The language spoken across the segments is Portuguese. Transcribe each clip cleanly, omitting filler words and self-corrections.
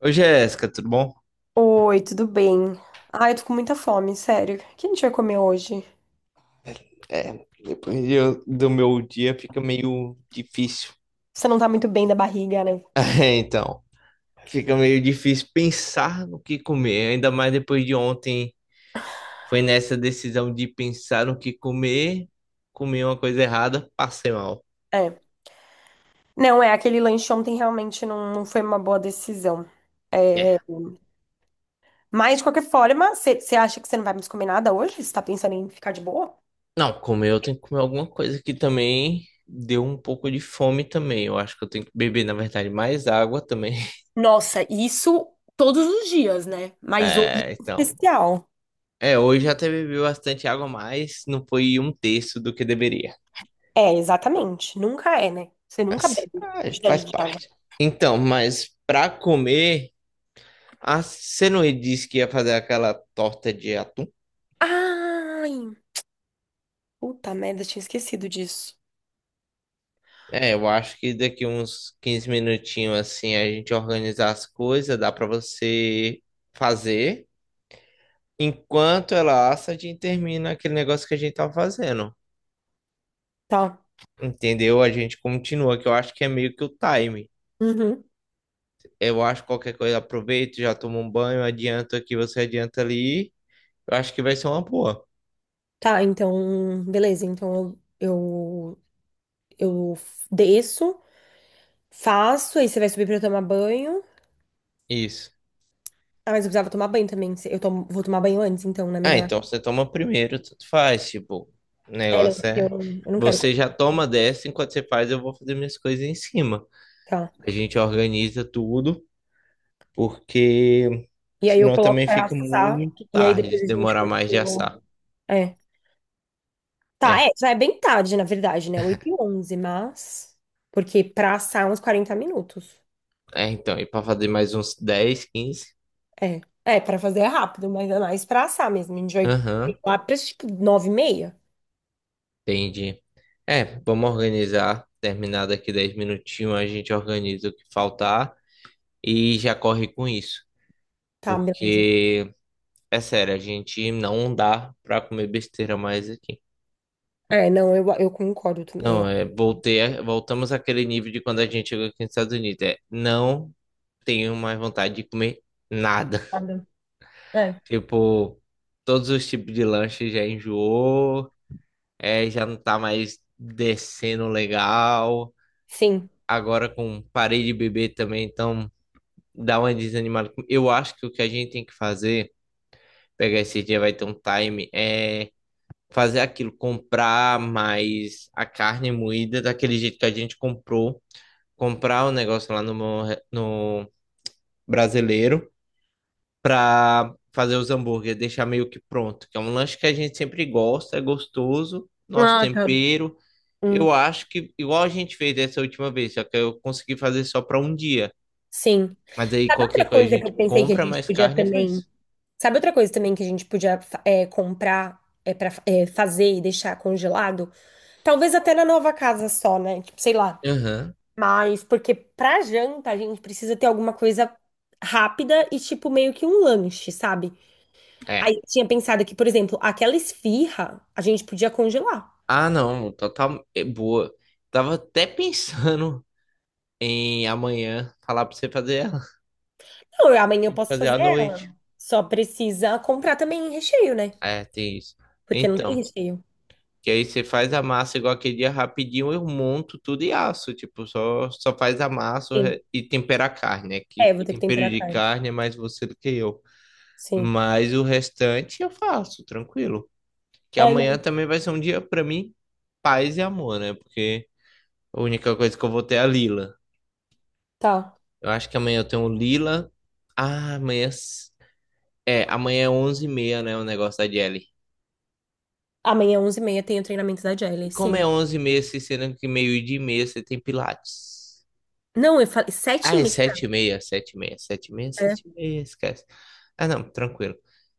Ô Jéssica, tudo bom? Oi, tudo bem? Ai, eu tô com muita fome, sério. O que a gente vai comer hoje? É, do meu dia fica meio difícil. Você não tá muito bem da barriga, né? É, então, fica meio difícil pensar no que comer, ainda mais depois de ontem. Foi nessa decisão de pensar no que comer, comi uma coisa errada, passei mal. É. Não, é, aquele lanche ontem realmente não, não foi uma boa decisão. É, É. mas, de qualquer forma, você acha que você não vai mais comer nada hoje? Você tá pensando em ficar de boa? Não, comer eu tenho que comer alguma coisa que também deu um pouco de fome também. Eu acho que eu tenho que beber, na verdade, mais água também. Nossa, isso todos os dias, né? Mas hoje, É, é então. especial. É, hoje até bebi bastante água, mas não foi um terço do que deveria. É, exatamente. Nunca é, né? Você nunca Mas, bebe ah, quantidade faz de água. parte. Então, mas pra comer, ah, você não disse que ia fazer aquela torta de atum? Ai, puta merda, tinha esquecido disso. É, eu acho que daqui uns 15 minutinhos assim a gente organizar as coisas, dá pra você fazer. Enquanto ela assa, a gente termina aquele negócio que a gente tava fazendo. Tá. Entendeu? A gente continua, que eu acho que é meio que o time. Eu acho que qualquer coisa aproveita, já toma um banho, adianta aqui, você adianta ali. Eu acho que vai ser uma boa. Tá, então, beleza. Então eu desço, faço, aí você vai subir pra eu tomar banho. Isso. Ah, mas eu precisava tomar banho também. Vou tomar banho antes, então, né? Ah, Melhor. então você toma primeiro, tanto faz. Tipo, o É, não, negócio porque eu, é. eu não quero. Você já toma dessa, enquanto você faz, eu vou fazer minhas coisas em cima. Tá. A gente organiza tudo, porque E aí eu senão coloco também pra fica assar, muito e aí tarde, depois se a gente demorar mais de continua. assar. É. Tá, É, é, já é bem tarde, na verdade, né? 8:11, mas. Porque pra assar é uns 40 minutos. é então, e para fazer mais uns 10, 15, É. É, pra fazer é rápido, mas é mais pra assar mesmo. A gente vai aham, lá pra tipo 9:30. entendi. É, vamos organizar. Terminar daqui 10 minutinhos, a gente organiza o que faltar e já corre com isso. Tá, beleza. Porque é sério, a gente não dá pra comer besteira mais aqui. É, não, eu concordo também. Não, Eu é, voltei, voltamos àquele nível de quando a gente chegou aqui nos Estados Unidos. É, não tenho mais vontade de comer nada. Sabe? É. Tipo, todos os tipos de lanche já enjoou, é, já não tá mais descendo legal. Sim, Agora com parei de beber também, então dá uma desanimada. Eu acho que o que a gente tem que fazer, pegar esse dia, vai ter um time, é, fazer aquilo, comprar mais a carne moída daquele jeito que a gente comprou, comprar o negócio lá no, no brasileiro para fazer os hambúrgueres, deixar meio que pronto, que é um lanche que a gente sempre gosta, é gostoso, nosso ah, tá. tempero. Hum, Eu acho que igual a gente fez dessa última vez, só que eu consegui fazer só para um dia. sim. Mas aí Sabe qualquer outra coisa a coisa que gente eu pensei que a compra gente mais podia carne e também. faz. Sabe outra coisa também que a gente podia comprar para fazer e deixar congelado? Talvez até na nova casa só, né? Tipo, sei lá. Aham. Mas porque pra janta a gente precisa ter alguma coisa rápida e tipo meio que um lanche, sabe? É. Aí eu tinha pensado que, por exemplo, aquela esfirra a gente podia congelar. Ah, não, total é boa. Tava até pensando em amanhã falar pra você fazer ela. Não, A amanhã eu gente posso fazer fazer à ela. noite. Só precisa comprar também recheio, né? É, tem isso. Porque não tem Então, recheio. que aí você faz a massa igual aquele dia rapidinho, eu monto tudo e asso. Tipo, só faz a massa Sim. E tempera a carne, né? É, Que eu vou ter que tempero temperar a de carne. carne é mais você do que eu. Sim. Mas o restante eu faço, tranquilo. Que É, amanhã não, também vai ser um dia pra mim, paz e amor, né? Porque a única coisa que eu vou ter é a Lila. tá. Eu acho que amanhã eu tenho Lila. Ah, amanhã. É, amanhã é 11:30, né? O negócio da Jelly. Amanhã, 11h30, tem o treinamento da E Jelly, como sim. é 11:30, se sendo que 12:30 você tem Pilates? Não, eu falei sete e Ah, é meia. 7:30, 7:30, 7:30, Né? sete e meia. Esquece. Ah, não, tranquilo.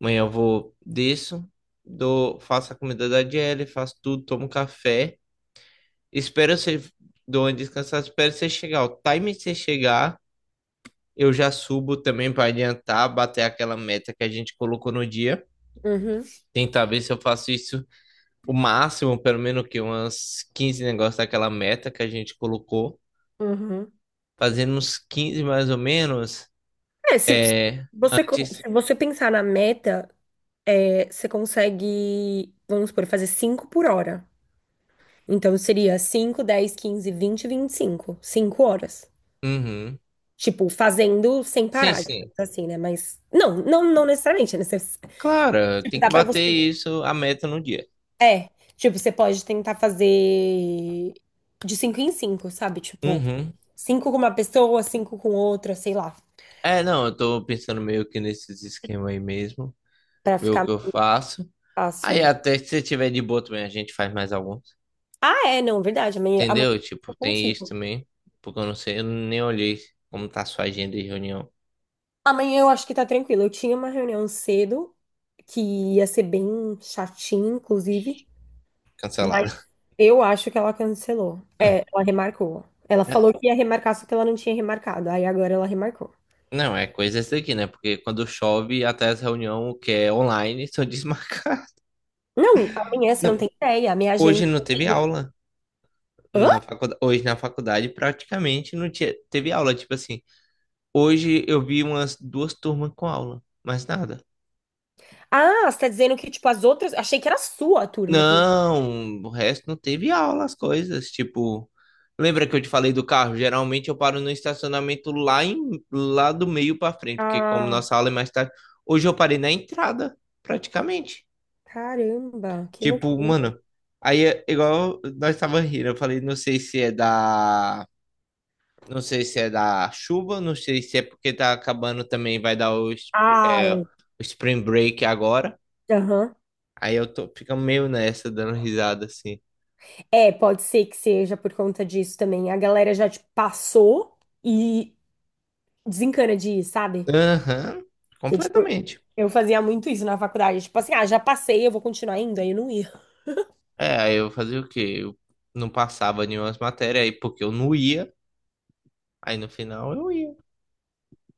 Amanhã eu vou, disso, dou, faço a comida da Jelly, faço tudo, tomo café. Espero você, dou uma descansada, espero você chegar. O time que você chegar, eu já subo também para adiantar, bater aquela meta que a gente colocou no dia. Uhum, Tentar ver se eu faço isso o máximo, pelo menos que umas 15 negócios daquela meta que a gente colocou. uhum. Fazendo uns 15 mais ou menos, É, se, se é, você, co- antes. se você pensar na meta, é, você consegue, vamos supor, fazer 5 por hora. Então, seria cinco, 10, 15, 20, 25, 5 horas. Uhum. Tipo, fazendo sem Sim, parar, sim. digamos assim, né? Mas não, não, não necessariamente, né? Claro, tem Dá que pra bater você. isso, a meta no dia. Tipo, você pode tentar fazer de cinco em cinco, sabe? Tipo, Uhum. cinco com uma pessoa, cinco com outra, sei lá, É, não, eu tô pensando meio que nesses esquemas aí mesmo, pra ver o ficar que eu mais faço. fácil, Aí né? até se você tiver de boa também, a gente faz mais alguns. Ah, é, não, verdade. Amanhã, amanhã Entendeu? Tipo, eu tem isso consigo. também, porque eu não sei, eu nem olhei como tá a sua agenda de reunião Amanhã eu acho que tá tranquilo. Eu tinha uma reunião cedo que ia ser bem chatinha, inclusive. cancelada. Eu acho que ela cancelou. É, ela remarcou. Ela falou que ia remarcar, só que ela não tinha remarcado. Aí agora ela remarcou. Não, é coisa essa daqui, né? Porque quando chove, até as reunião que é online são desmarcadas. Não, amanhã você não Não, tem ideia. A minha agenda. hoje não teve aula Hã? na faculdade. Hoje na faculdade praticamente não tinha, teve aula. Tipo assim, hoje eu vi umas duas turmas com aula, mas nada. Ah, você tá dizendo que, tipo, as outras. Achei que era a sua turma que não. Não, o resto não teve aula, as coisas. Tipo, lembra que eu te falei do carro? Geralmente eu paro no estacionamento lá, em, lá do meio pra frente, porque como Ah, nossa aula é mais tarde, hoje eu parei na entrada, praticamente. caramba, que Tipo, loucura. mano, aí é igual nós tava rindo, eu falei, não sei se é da, não sei se é da chuva, não sei se é porque tá acabando também, vai dar o, spr- Ah, é, o é. Spring Break agora. Aham. Aí eu tô, fica meio nessa, dando risada assim. É, pode ser que seja por conta disso também. A galera já, tipo, passou e desencana de ir, sabe? Aham, Que, tipo, completamente. eu fazia muito isso na faculdade. Tipo assim, ah, já passei, eu vou continuar indo. Aí eu não ia. É, aí eu fazia o quê? Eu não passava nenhuma matéria aí porque eu não ia, aí no final eu ia.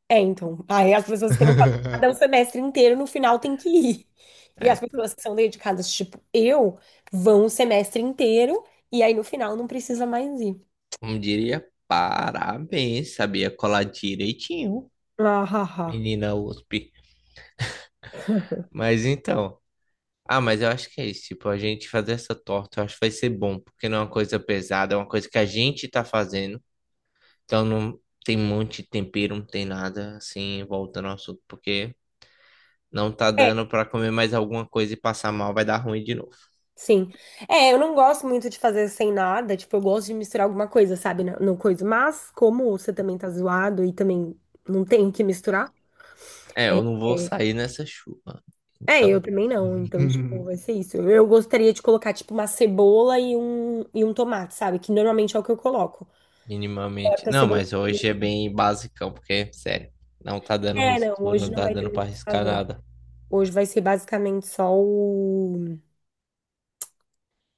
É, então. Aí as pessoas que não fazem nada o semestre inteiro, no final tem que ir. E É, as tá. pessoas que são dedicadas, tipo eu, vão o semestre inteiro e aí no final não precisa mais ir. Como diria, parabéns, sabia colar direitinho. Ah, ha, ha. Menina USP. Mas então. Ah, mas eu acho que é isso. Tipo, a gente fazer essa torta, eu acho que vai ser bom, porque não é uma coisa pesada, é uma coisa que a gente tá fazendo. Então não tem um monte de tempero, não tem nada assim, voltando ao assunto, porque não tá É, dando pra comer mais alguma coisa e passar mal, vai dar ruim de novo. sim. É, eu não gosto muito de fazer sem nada, tipo, eu gosto de misturar alguma coisa, sabe, no coisa. Mas como você também tá zoado e também não tem o que misturar, É, eu não vou é, sair nessa chuva. é, eu Então, também não. Então, tipo, vai ser isso. Eu gostaria de colocar, tipo, uma cebola e um tomate, sabe? Que normalmente é o que eu coloco. minimamente. Tá Não, cebola. mas hoje é bem basicão, porque, sério, não tá dando É, não, mistura, hoje não não tá vai dando ter pra muito o que arriscar fazer. nada. Hoje vai ser basicamente só o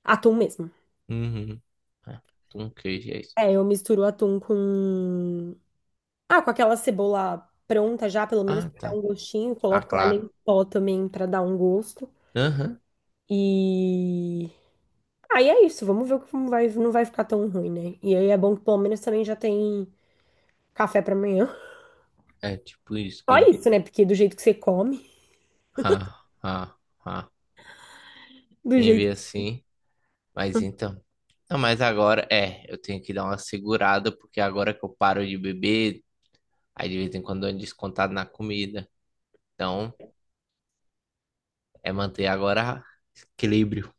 atum mesmo. Uhum. Ah, com queijo, é isso. É, eu misturo o atum com. Ah, com aquela cebola pronta já, pelo menos Ah, pra dar tá. um gostinho. Ah, Coloco alho claro. em pó também pra dar um gosto. Aham. E. Aí é isso, vamos ver como vai, não vai ficar tão ruim, né? E aí é bom que pelo menos também já tem café pra amanhã. É tipo isso Só que. isso, né? Porque do jeito que você come, Ha, ha, ha. do Quem jeito vê que. assim. Mas então. Não, mas agora é. Eu tenho que dar uma segurada, porque agora que eu paro de beber, aí de vez em quando eu ando descontado na comida. Então, é manter agora equilíbrio.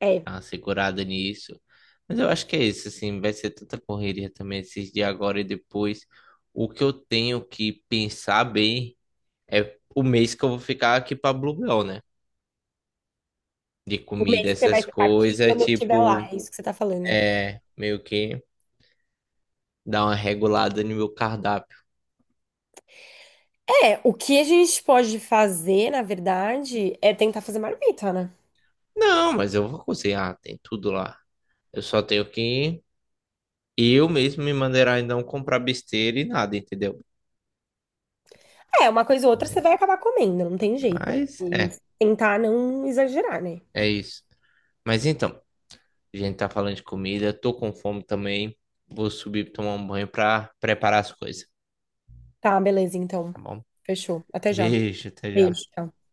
É, Dar uma segurada nisso. Mas eu acho que é isso, assim. Vai ser tanta correria também esses dias agora e depois. O que eu tenho que pensar bem é o mês que eu vou ficar aqui pra Bluebell, né? De o mês comida, que você vai essas ficar aqui coisas, quando eu estiver lá, tipo, é isso que você tá falando. é, meio que dar uma regulada no meu cardápio. É, o que a gente pode fazer, na verdade, é tentar fazer marmita, né? Não, mas eu vou cozinhar, tem tudo lá. Eu só tenho que eu mesmo me maneirar e não comprar besteira e nada, entendeu? É, uma coisa ou outra você vai acabar comendo, não tem jeito. Mas é, Mas tentar não exagerar, né? é isso. Mas então, a gente tá falando de comida, tô com fome também. Vou subir pra tomar um banho pra preparar as coisas, Tá, beleza, então. tá bom? Fechou. Até já. Beijo, até já. Beijo. Tchau.